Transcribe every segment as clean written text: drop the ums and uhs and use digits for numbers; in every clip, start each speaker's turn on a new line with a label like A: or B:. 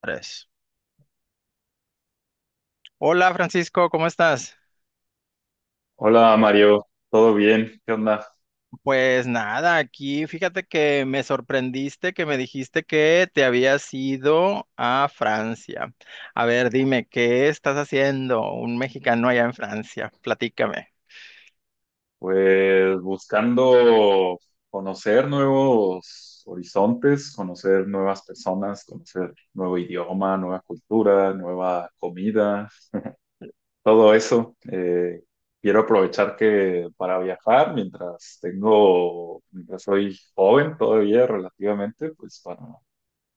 A: Tres. Hola Francisco, ¿cómo estás?
B: Hola Mario, ¿todo bien? ¿Qué onda?
A: Pues nada, aquí fíjate que me sorprendiste, que me dijiste que te habías ido a Francia. A ver, dime, ¿qué estás haciendo un mexicano allá en Francia? Platícame.
B: Pues buscando conocer nuevos horizontes, conocer nuevas personas, conocer nuevo idioma, nueva cultura, nueva comida, todo eso. Quiero aprovechar que para viajar, mientras soy joven todavía relativamente, pues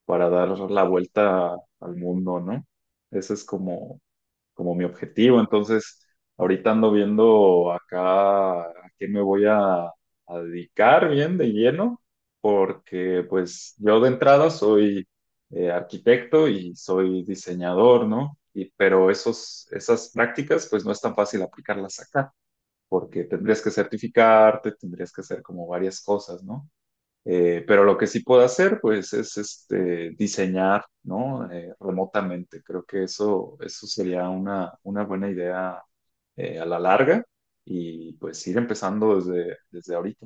B: para dar la vuelta al mundo, ¿no? Ese es como mi objetivo. Entonces, ahorita ando viendo acá a qué me voy a dedicar bien de lleno, porque pues yo de entrada soy arquitecto y soy diseñador, ¿no? Y, pero esas prácticas pues no es tan fácil aplicarlas acá, porque tendrías que certificarte, tendrías que hacer como varias cosas, ¿no? Pero lo que sí puedo hacer, pues, es este, diseñar, ¿no? Remotamente. Creo que eso sería una buena idea a la larga y pues ir empezando desde ahorita.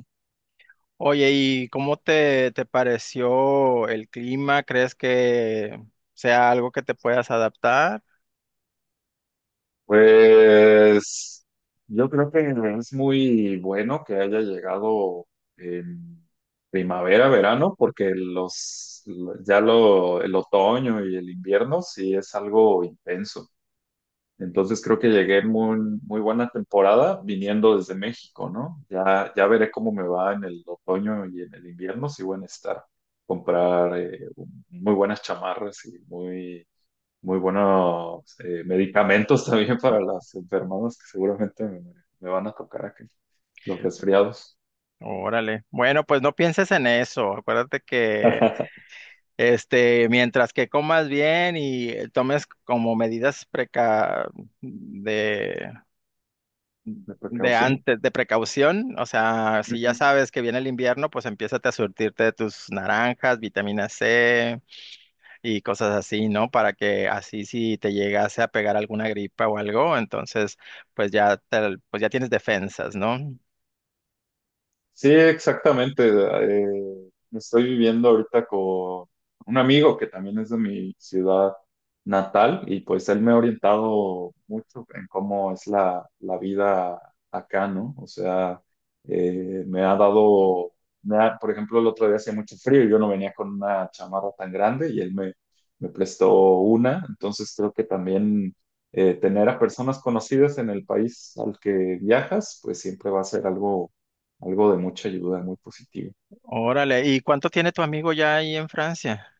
A: Oye, ¿y cómo te pareció el clima? ¿Crees que sea algo que te puedas adaptar?
B: Pues yo creo que es muy bueno que haya llegado en primavera, verano, porque el otoño y el invierno sí es algo intenso. Entonces creo que llegué muy, muy buena temporada viniendo desde México, ¿no? Ya, ya veré cómo me va en el otoño y en el invierno, si voy a estar comprar muy buenas chamarras y muy, muy buenos medicamentos también para las enfermedades que seguramente me van a tocar aquí, los resfriados,
A: Órale. Bueno, pues no pienses en eso. Acuérdate que
B: de
A: Mientras que comas bien y tomes como medidas preca de, de
B: precaución.
A: antes, de precaución. O sea, si ya sabes que viene el invierno, pues empiézate a surtirte de tus naranjas, vitamina C y cosas así, ¿no? Para que así, si te llegase a pegar alguna gripa o algo, entonces pues ya tienes defensas, ¿no?
B: Sí, exactamente. Estoy viviendo ahorita con un amigo que también es de mi ciudad natal y pues él me ha orientado mucho en cómo es la vida acá, ¿no? O sea, me ha dado, por ejemplo, el otro día hacía mucho frío y yo no venía con una chamarra tan grande y él me prestó una. Entonces creo que también tener a personas conocidas en el país al que viajas, pues siempre va a ser algo de mucha ayuda, muy positivo.
A: Órale, ¿y cuánto tiene tu amigo ya ahí en Francia?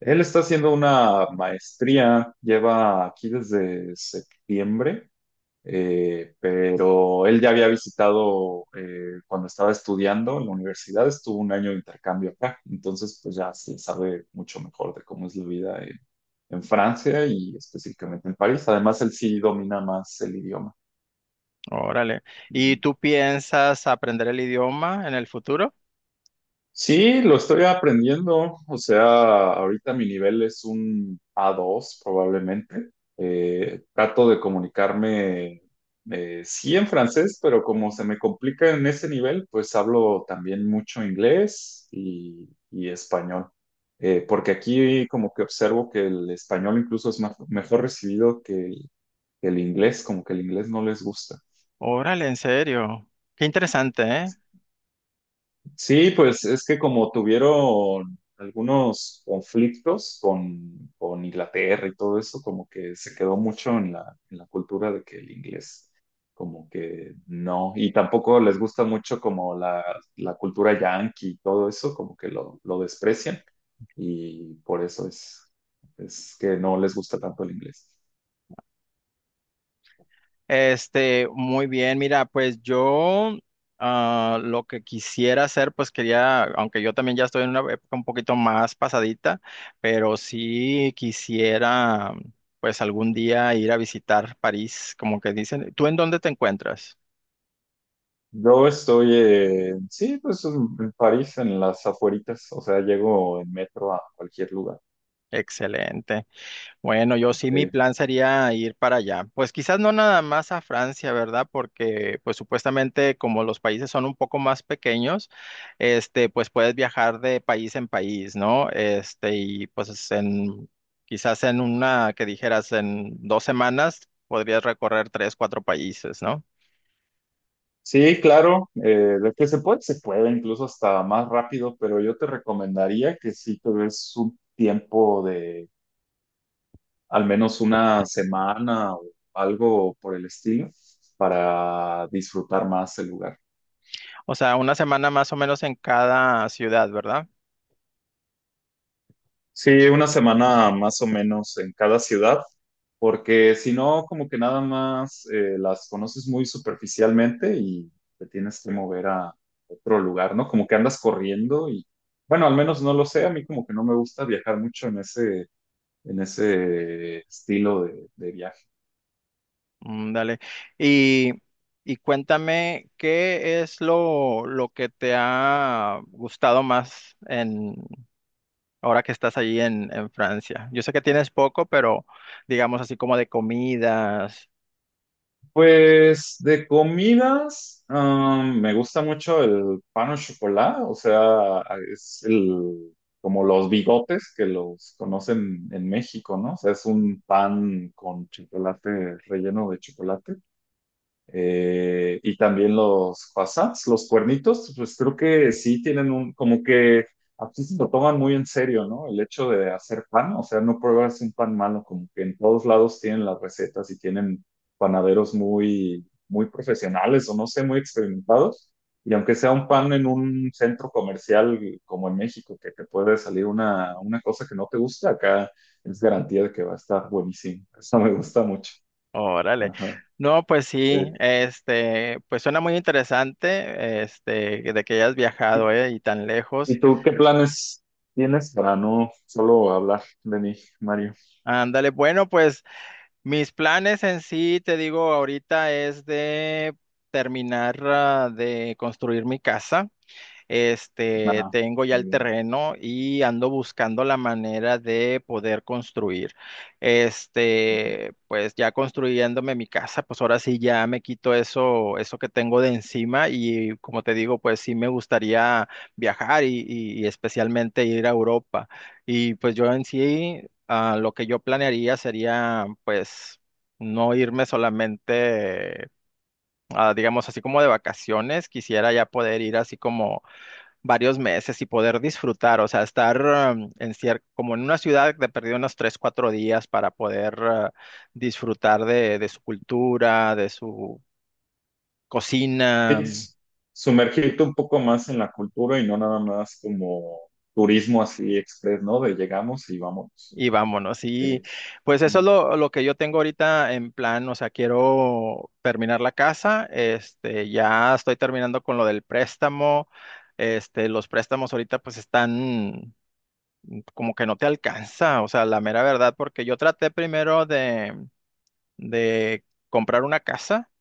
B: Él está haciendo una maestría, lleva aquí desde septiembre, pero él ya había visitado cuando estaba estudiando en la universidad, estuvo un año de intercambio acá, entonces pues ya se sabe mucho mejor de cómo es la vida en Francia y específicamente en París. Además, él sí domina más el idioma.
A: Órale. ¿Y
B: Ujú.
A: tú piensas aprender el idioma en el futuro?
B: Sí, lo estoy aprendiendo. O sea, ahorita mi nivel es un A2 probablemente. Trato de comunicarme, sí en francés, pero como se me complica en ese nivel, pues hablo también mucho inglés y español. Porque aquí como que observo que el español incluso es mejor recibido que el inglés, como que el inglés no les gusta.
A: Órale, en serio. Qué interesante, ¿eh?
B: Sí, pues es que como tuvieron algunos conflictos con Inglaterra y todo eso, como que se quedó mucho en en la cultura de que el inglés, como que no, y tampoco les gusta mucho como la cultura yankee y todo eso, como que lo desprecian, y por eso es que no les gusta tanto el inglés.
A: Muy bien, mira, pues yo, lo que quisiera hacer, pues quería, aunque yo también ya estoy en una época un poquito más pasadita, pero sí quisiera, pues algún día ir a visitar París, como que dicen. ¿Tú en dónde te encuentras?
B: Yo estoy, sí, pues en París, en las afueritas, o sea, llego en metro a cualquier lugar.
A: Excelente. Bueno, yo sí, mi
B: Sí.
A: plan sería ir para allá. Pues quizás no nada más a Francia, ¿verdad? Porque pues supuestamente como los países son un poco más pequeños, pues puedes viajar de país en país, ¿no? Y pues en, quizás en una, que dijeras, en 2 semanas podrías recorrer tres, cuatro países, ¿no?
B: Sí, claro, de que se puede, incluso hasta más rápido, pero yo te recomendaría que sí te des un tiempo de al menos una semana o algo por el estilo para disfrutar más el lugar.
A: O sea, una semana más o menos en cada ciudad, ¿verdad?
B: Sí, una semana más o menos en cada ciudad, porque si no, como que nada más las conoces muy superficialmente y te tienes que mover a otro lugar, ¿no? Como que andas corriendo y, bueno, al menos no lo sé, a mí como que no me gusta viajar mucho en ese estilo de viaje.
A: Mm. Dale. Y, y cuéntame, ¿qué es lo que te ha gustado más en ahora que estás allí en Francia? Yo sé que tienes poco, pero digamos así como de comidas.
B: Pues de comidas, me gusta mucho el pan au chocolat, o sea, es el, como los bigotes que los conocen en México, ¿no? O sea, es un pan con chocolate relleno de chocolate. Y también los fasas, los cuernitos, pues creo que sí tienen como que aquí se lo toman muy en serio, ¿no? El hecho de hacer pan, o sea, no pruebas un pan malo, como que en todos lados tienen las recetas y tienen panaderos muy, muy profesionales o no sé, muy experimentados. Y aunque sea un pan en un centro comercial como en México, que te puede salir una cosa que no te gusta, acá es garantía de que va a estar buenísimo. Eso me gusta mucho.
A: Órale.
B: Ajá.
A: No, pues sí, pues suena muy interesante, de que hayas viajado,
B: Sí.
A: y tan lejos.
B: ¿Y tú qué planes tienes para no solo hablar de mí, Mario?
A: Ándale, bueno, pues, mis planes en sí, te digo, ahorita es de terminar, de construir mi casa.
B: Nada,
A: Tengo ya
B: muy
A: el
B: bien.
A: terreno y ando buscando la manera de poder construir.
B: Ok.
A: Pues ya construyéndome mi casa, pues ahora sí ya me quito eso, eso que tengo de encima y, como te digo, pues sí me gustaría viajar y especialmente ir a Europa. Y pues yo, en sí, lo que yo planearía sería, pues, no irme solamente, digamos, así como de vacaciones, quisiera ya poder ir así como varios meses y poder disfrutar, o sea, estar en como en una ciudad, de perdido, unos 3, 4 días, para poder, disfrutar de su cultura, de su cocina
B: Sí, sumergirte un poco más en la cultura y no nada más como turismo así express, ¿no? De llegamos y vamos.
A: y vámonos. Y
B: Sí.
A: pues eso es
B: Ujú.
A: lo que yo tengo ahorita en plan, o sea, quiero terminar la casa, ya estoy terminando con lo del préstamo. Los préstamos ahorita pues están como que no te alcanza, o sea, la mera verdad, porque yo traté primero de comprar una casa,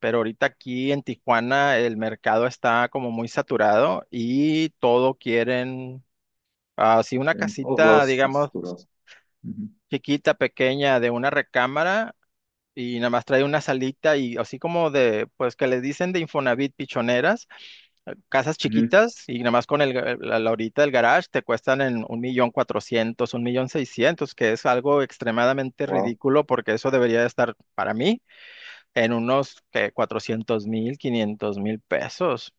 A: pero ahorita aquí en Tijuana el mercado está como muy saturado y todo quieren, así una
B: En todos
A: casita,
B: lados estás
A: digamos,
B: saturado.
A: chiquita, pequeña, de una recámara y nada más trae una salita y así como de, pues, que les dicen de Infonavit pichoneras, casas chiquitas y nada más con la horita del garage, te cuestan en 1,400,000, 1,600,000, que es algo extremadamente
B: Wow.
A: ridículo porque eso debería de estar para mí en unos 400,000, 500,000 pesos.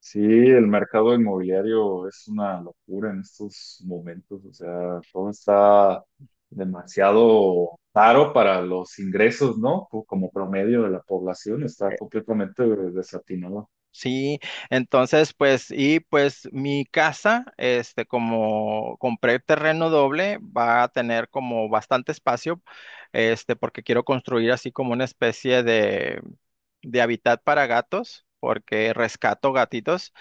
B: Sí, el mercado inmobiliario es una locura en estos momentos, o sea, todo está demasiado caro para los ingresos, ¿no? Como promedio de la población, está
A: Eh,
B: completamente desatinado.
A: Sí, entonces pues y pues mi casa, como compré terreno doble, va a tener como bastante espacio, porque quiero construir así como una especie de hábitat para gatos, porque rescato gatitos.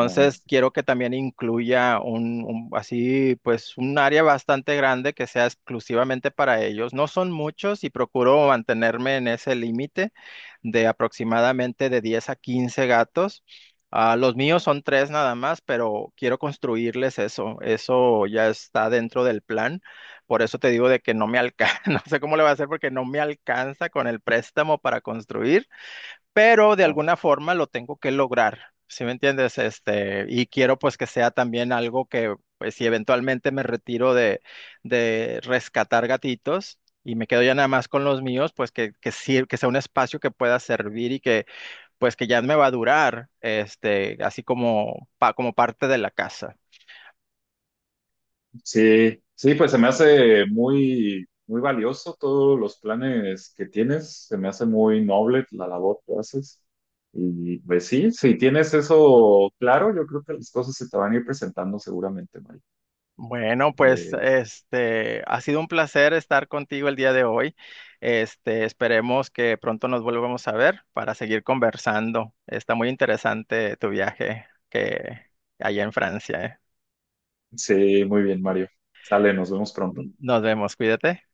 B: Ajá,
A: quiero que también incluya así, pues, un área bastante grande, que sea exclusivamente para ellos. No son muchos y procuro mantenerme en ese límite de aproximadamente de 10 a 15 gatos. Ah, los míos son tres nada más, pero quiero construirles eso. Eso ya está dentro del plan. Por eso te digo de que no me alcanza, no sé cómo le va a hacer porque no me alcanza con el préstamo para construir, pero de
B: ajá.
A: alguna forma lo tengo que lograr, ¿sí me entiendes? Y quiero, pues, que sea también algo que, pues, si eventualmente me retiro de rescatar gatitos y me quedo ya nada más con los míos, pues que sea un espacio que pueda servir y que, pues, que ya me va a durar, así como parte de la casa.
B: Sí, sí, pues se me hace muy, muy valioso todos los planes que tienes, se me hace muy noble la labor que haces. Y pues sí, si tienes eso claro, yo creo que las cosas se te van a ir presentando seguramente, Mari.
A: Bueno, pues ha sido un placer estar contigo el día de hoy. Esperemos que pronto nos volvamos a ver para seguir conversando. Está muy interesante tu viaje que allá en Francia, eh.
B: Sí, muy bien, Mario. Sale, nos vemos pronto.
A: Nos vemos, cuídate.